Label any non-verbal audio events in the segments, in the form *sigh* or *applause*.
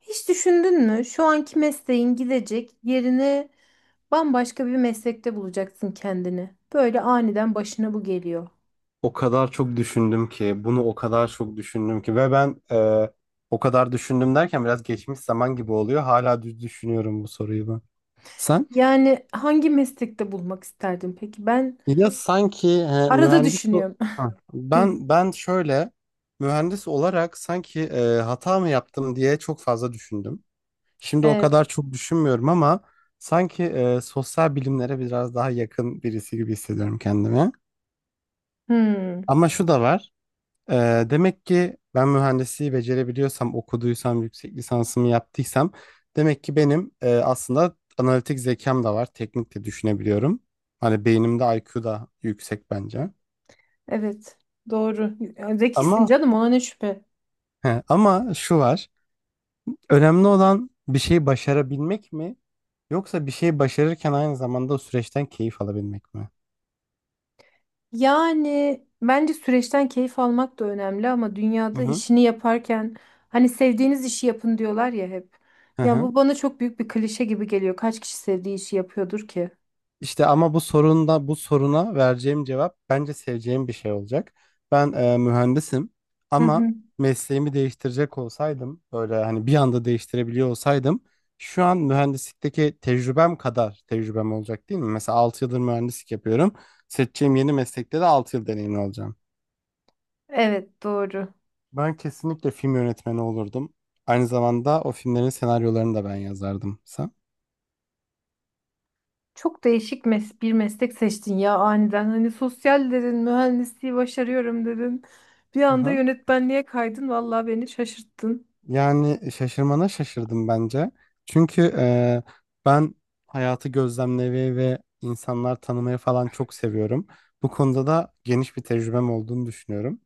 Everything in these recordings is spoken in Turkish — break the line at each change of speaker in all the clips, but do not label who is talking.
Hiç düşündün mü? Şu anki mesleğin gidecek yerini bambaşka bir meslekte bulacaksın kendini. Böyle aniden başına bu geliyor.
O kadar çok düşündüm ki, bunu o kadar çok düşündüm ki ve ben o kadar düşündüm derken biraz geçmiş zaman gibi oluyor. Hala düz düşünüyorum bu soruyu ben. Sen?
Yani hangi meslekte bulmak isterdin peki? Ben
Ya sanki
arada düşünüyorum. *laughs*
Ha.
Hmm,
Ben şöyle mühendis olarak sanki hata mı yaptım diye çok fazla düşündüm. Şimdi o kadar
evet.
çok düşünmüyorum ama sanki sosyal bilimlere biraz daha yakın birisi gibi hissediyorum kendimi.
Hmm,
Ama şu da var. Demek ki ben mühendisliği becerebiliyorsam, okuduysam, yüksek lisansımı yaptıysam demek ki benim aslında analitik zekam da var. Teknik de düşünebiliyorum. Hani beynimde IQ da yüksek bence.
evet. Doğru. Zekisin
Ama
canım, ona ne şüphe.
he, ama şu var. Önemli olan bir şeyi başarabilmek mi? Yoksa bir şeyi başarırken aynı zamanda o süreçten keyif alabilmek mi?
Yani bence süreçten keyif almak da önemli, ama
Hı
dünyada
hı.
işini yaparken hani sevdiğiniz işi yapın diyorlar ya hep.
Hı
Ya
hı.
bu bana çok büyük bir klişe gibi geliyor. Kaç kişi sevdiği işi yapıyordur ki?
İşte ama bu sorunda bu soruna vereceğim cevap bence seveceğim bir şey olacak. Ben mühendisim
Hı
ama
hı.
mesleğimi değiştirecek olsaydım böyle hani bir anda değiştirebiliyor olsaydım şu an mühendislikteki tecrübem kadar tecrübem olacak değil mi? Mesela 6 yıldır mühendislik yapıyorum. Seçeceğim yeni meslekte de 6 yıl deneyimli olacağım.
Evet, doğru.
Ben kesinlikle film yönetmeni olurdum. Aynı zamanda o filmlerin senaryolarını da ben yazardım. Sen?
Çok değişik bir meslek seçtin ya aniden. Hani sosyal dedin, mühendisliği başarıyorum dedin. Bir anda
Aha.
yönetmenliğe kaydın. Vallahi beni şaşırttın.
Yani şaşırmana şaşırdım bence. Çünkü ben hayatı gözlemlemeyi ve insanlar tanımayı falan çok seviyorum. Bu konuda da geniş bir tecrübem olduğunu düşünüyorum.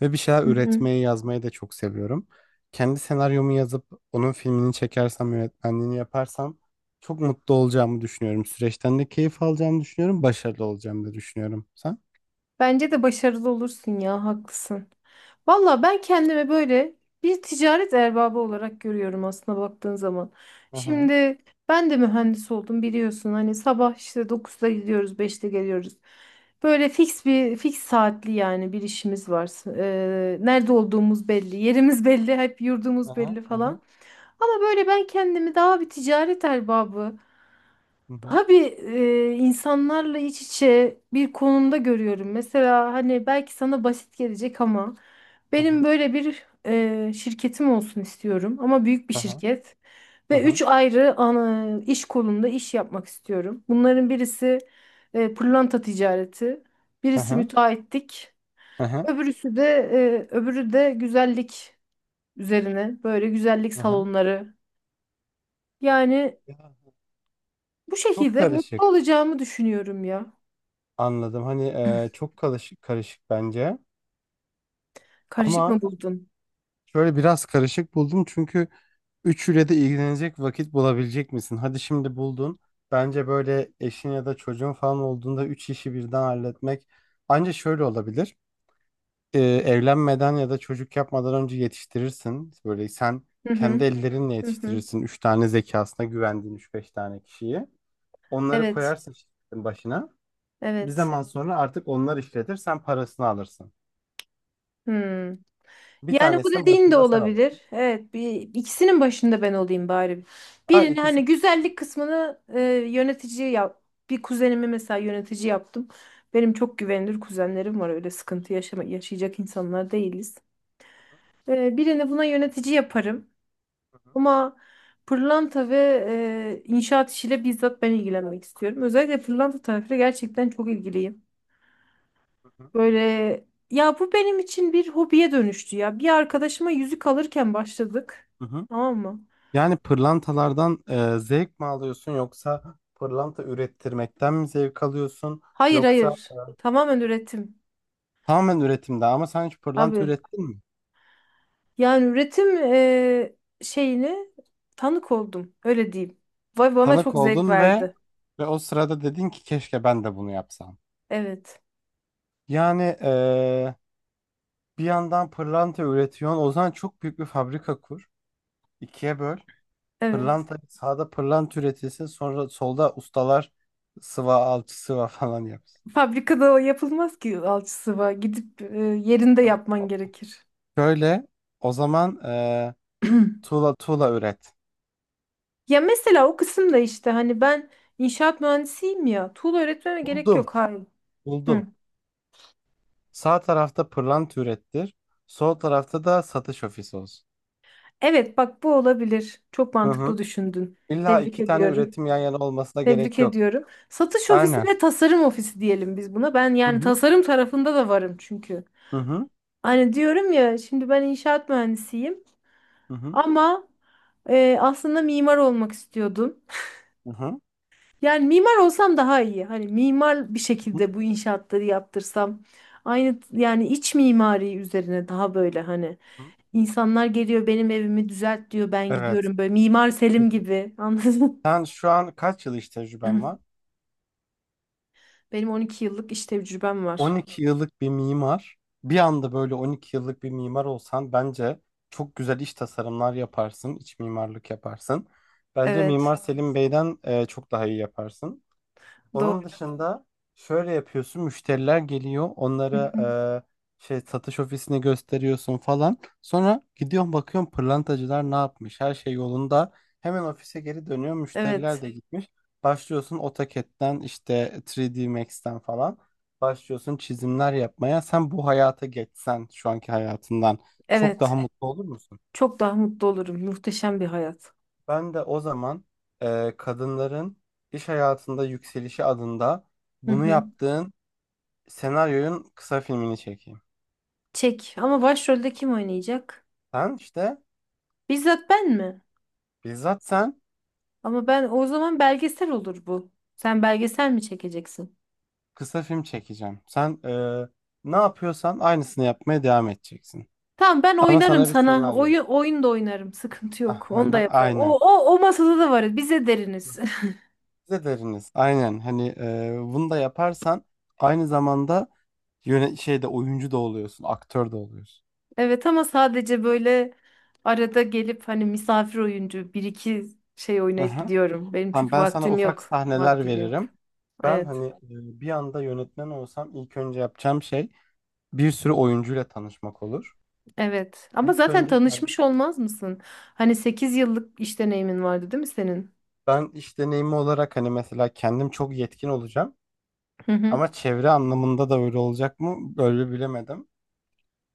Ve bir şeyler
Hı hı.
üretmeyi, yazmayı da çok seviyorum. Kendi senaryomu yazıp onun filmini çekersem, yönetmenliğini yaparsam çok mutlu olacağımı düşünüyorum. Süreçten de keyif alacağımı düşünüyorum. Başarılı olacağımı da düşünüyorum. Sen?
Bence de başarılı olursun ya, haklısın. Valla ben kendimi böyle bir ticaret erbabı olarak görüyorum aslında, baktığın zaman.
Aha.
Şimdi ben de mühendis oldum, biliyorsun. Hani sabah işte 9'da gidiyoruz, 5'te geliyoruz. Böyle fix bir fix saatli, yani bir işimiz var. Nerede olduğumuz belli, yerimiz *laughs* belli, hep yurdumuz
Aha,
belli
aha,
falan. Ama böyle ben kendimi daha bir ticaret erbabı,
hı hı,
abi, insanlarla iç içe bir konumda görüyorum. Mesela hani belki sana basit gelecek ama benim
aha,
böyle bir şirketim olsun istiyorum, ama büyük bir
aha,
şirket, ve üç
aha,
ayrı iş kolunda iş yapmak istiyorum. Bunların birisi pırlanta ticareti, birisi
aha,
müteahhitlik,
aha,
öbürüsü de öbürü de güzellik üzerine, böyle güzellik
aha.
salonları. Yani
Ya,
bu
çok
şekilde mutlu
karışık.
olacağımı düşünüyorum ya.
Anladım. Hani çok karışık, karışık bence.
Karışık
Ama
mı buldun?
şöyle biraz karışık buldum çünkü üçüyle de ilgilenecek vakit bulabilecek misin? Hadi şimdi buldun. Bence böyle eşin ya da çocuğun falan olduğunda üç işi birden halletmek ancak şöyle olabilir. Evlenmeden ya da çocuk yapmadan önce yetiştirirsin. Böyle sen
Hı hı,
kendi ellerinle
hı hı.
yetiştirirsin. Üç tane zekasına güvendiğin üç beş tane kişiyi. Onları
Evet,
koyarsın şirketin başına. Bir
evet.
zaman sonra artık onlar işletir. Sen parasını alırsın.
Hmm.
Bir
Yani bu
tanesinin
dediğin de
başında sen alırsın.
olabilir. Evet, ikisinin başında ben olayım bari.
Ha,
Birini,
ikisi.
hani güzellik kısmını, yönetici yap. Bir kuzenimi mesela yönetici yaptım. Benim çok güvenilir kuzenlerim var. Öyle sıkıntı yaşayacak insanlar değiliz. Birini buna yönetici yaparım.
Hı hı,
Ama pırlanta ve inşaat işiyle bizzat ben ilgilenmek istiyorum. Özellikle pırlanta tarafıyla gerçekten çok ilgiliyim.
hı hı,
Böyle, ya bu benim için bir hobiye dönüştü ya. Bir arkadaşıma yüzük alırken başladık.
hı hı.
Tamam mı?
Yani pırlantalardan zevk mi alıyorsun yoksa pırlanta ürettirmekten mi zevk alıyorsun
Hayır,
yoksa
hayır. Tamamen üretim.
tamamen üretimde ama sen hiç pırlanta
Abi,
ürettin mi?
yani üretim şeyini tanık oldum. Öyle diyeyim. Vay, bana
Tanık
çok zevk
oldun ve
verdi.
ve o sırada dedin ki keşke ben de bunu yapsam.
Evet.
Yani bir yandan pırlanta üretiyorsun. O zaman çok büyük bir fabrika kur. İkiye böl.
Evet.
Pırlanta sağda pırlanta üretilsin. Sonra solda ustalar sıva alçı sıva falan yapsın.
Fabrikada o yapılmaz ki, alçısı var. Gidip yerinde yapman gerekir.
Şöyle o zaman
*clears throat*
tuğla tuğla üret.
Ya mesela o kısımda işte hani ben inşaat mühendisiyim ya. Tuğla öğretmeme gerek
Buldum.
yok. Hayır.
Buldum. Sağ tarafta pırlanta ürettir. Sol tarafta da satış ofisi olsun.
Evet, bak, bu olabilir. Çok
Hı
mantıklı
hı.
düşündün.
İlla
Tebrik
iki tane
ediyorum.
üretim yan yana olmasına
Tebrik
gerek yok.
ediyorum. Satış ofisi
Aynen.
ve tasarım ofisi diyelim biz buna. Ben
Hı
yani
hı
tasarım tarafında da varım çünkü.
hı hı
Hani diyorum ya, şimdi ben inşaat mühendisiyim
hı hı
ama aslında mimar olmak istiyordum.
hı hı
Yani mimar olsam daha iyi. Hani mimar bir
hı
şekilde bu inşaatları yaptırsam. Aynı, yani iç mimari üzerine daha böyle, hani
hı.
insanlar geliyor, benim evimi düzelt diyor, ben
Evet.
gidiyorum böyle Mimar
Hı
Selim
hı.
gibi *laughs* anladın.
Sen şu an kaç yıl iş tecrüben var?
*clears throat* Benim 12 yıllık iş tecrübem
On
var.
iki yıllık bir mimar. Bir anda böyle 12 yıllık bir mimar olsan bence çok güzel iş tasarımlar yaparsın, iç mimarlık yaparsın. Bence
Evet,
Mimar Selim Bey'den çok daha iyi yaparsın. Onun
doğru.
dışında şöyle yapıyorsun. Müşteriler geliyor.
Hı
Onlara
hı.
şey satış ofisini gösteriyorsun falan. Sonra gidiyorsun bakıyorsun pırlantacılar ne yapmış? Her şey yolunda. Hemen ofise geri dönüyor. Müşteriler
Evet,
de gitmiş. Başlıyorsun AutoCAD'den işte 3D Max'ten falan. Başlıyorsun çizimler yapmaya. Sen bu hayata geçsen şu anki hayatından çok daha
evet.
mutlu olur musun?
Çok daha mutlu olurum. Muhteşem bir hayat.
Ben de o zaman kadınların iş hayatında yükselişi adında
Hı
bunu
hı.
yaptığın senaryoyun kısa filmini çekeyim.
Çek. Ama başrolde kim oynayacak?
Sen işte
Bizzat ben mi?
bizzat sen
Ama ben o zaman belgesel olur bu. Sen belgesel mi çekeceksin?
kısa film çekeceğim. Sen ne yapıyorsan aynısını yapmaya devam edeceksin.
Tamam, ben
Ama
oynarım
sana bir
sana.
senaryo.
Oyun da oynarım. Sıkıntı
*laughs*
yok. Onu da
Aha,
yaparım.
aynen.
O masada da varız. Bize deriniz.
Size deriniz. Aynen. Hani bunu da yaparsan aynı zamanda yöne şeyde oyuncu da oluyorsun, aktör de oluyorsun.
Evet, ama sadece böyle arada gelip hani misafir oyuncu bir iki şey oynayıp
Aha.
gidiyorum. Benim
Tamam,
çünkü
ben sana
vaktim
ufak
yok.
sahneler
Vaktim yok.
veririm. Ben
Evet.
hani bir anda yönetmen olsam ilk önce yapacağım şey bir sürü oyuncuyla tanışmak olur.
Evet. Ama
İlk
zaten
önce
tanışmış olmaz mısın? Hani 8 yıllık iş deneyimin vardı değil mi senin?
ben iş deneyimi olarak hani mesela kendim çok yetkin olacağım
Hı hı.
ama çevre anlamında da öyle olacak mı? Böyle bilemedim.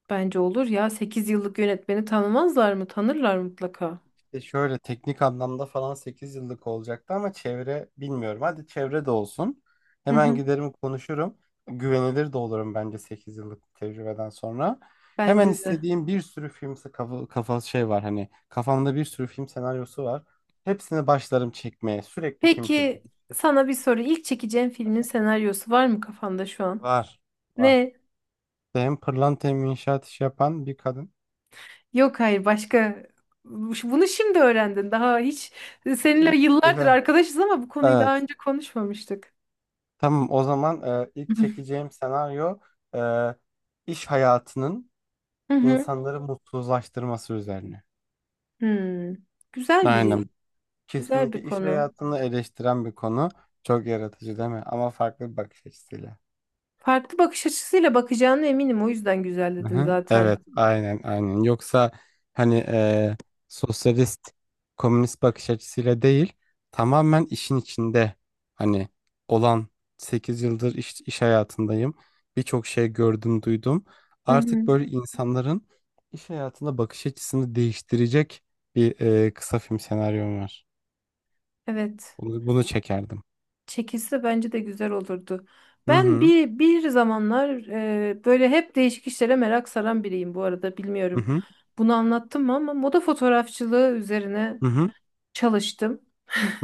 Bence olur ya. 8 yıllık yönetmeni tanımazlar mı? Tanırlar mutlaka.
İşte şöyle teknik anlamda falan 8 yıllık olacaktı ama çevre bilmiyorum. Hadi çevre de olsun.
Hı
Hemen
hı.
giderim konuşurum. Güvenilir de olurum bence 8 yıllık tecrübeden sonra. Hemen
Bence de.
istediğim bir sürü film kafa şey var hani kafamda bir sürü film senaryosu var. Hepsini başlarım çekmeye. Sürekli film
Peki,
çekerim.
sana bir soru. İlk çekeceğin filmin senaryosu var mı kafanda şu an?
Var. Var.
Ne?
Hem pırlanta hem inşaat işi yapan bir kadın.
Yok, hayır, başka. Bunu şimdi öğrendin. Daha hiç seninle
İlk,
yıllardır arkadaşız ama bu konuyu
evet.
daha önce konuşmamıştık.
Tamam o zaman ilk çekeceğim senaryo e, iş hayatının
Hı hı.
insanları mutsuzlaştırması üzerine.
Hmm. Güzel bir
Aynen.
güzel bir
Kesinlikle iş
konu.
hayatını eleştiren bir konu. Çok yaratıcı değil mi? Ama farklı bir bakış açısıyla.
Farklı bakış açısıyla bakacağına eminim. O yüzden güzel dedim
Aha,
zaten.
evet, aynen, aynen. Yoksa hani sosyalist, komünist bakış açısıyla değil, tamamen işin içinde hani olan 8 yıldır iş hayatındayım. Birçok şey gördüm, duydum.
Hı hı.
Artık böyle insanların iş hayatına bakış açısını değiştirecek bir kısa film senaryom var.
Evet.
Bunu çekerdim.
Çekilse bence de güzel olurdu.
Hı
Ben
hı,
bir zamanlar böyle hep değişik işlere merak saran biriyim, bu arada
hı
bilmiyorum.
hı,
Bunu anlattım mı, ama moda fotoğrafçılığı üzerine
hı hı,
çalıştım.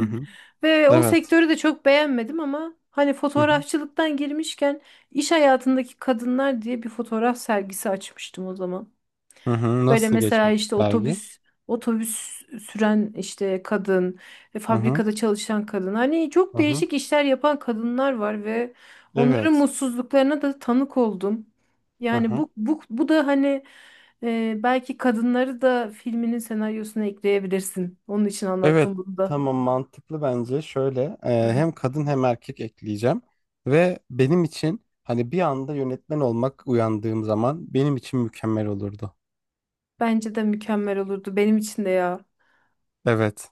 hı hı.
Ve o
Evet.
sektörü de çok beğenmedim ama hani
Hı hı,
fotoğrafçılıktan girmişken, iş hayatındaki kadınlar diye bir fotoğraf sergisi açmıştım o zaman.
hı hı.
Böyle
Nasıl
mesela
geçmişti
işte
dergi?
otobüs süren işte kadın,
Hı hı,
fabrikada çalışan kadın. Hani çok
hı hı.
değişik işler yapan kadınlar var ve onların
Evet.
mutsuzluklarına da tanık oldum.
Hı
Yani
hı.
bu da hani belki kadınları da filminin senaryosuna ekleyebilirsin. Onun için
Evet.
anlattım bunu da.
Tamam mantıklı bence. Şöyle hem kadın hem erkek ekleyeceğim ve benim için hani bir anda yönetmen olmak uyandığım zaman benim için mükemmel olurdu.
Bence de mükemmel olurdu benim için de ya.
Evet.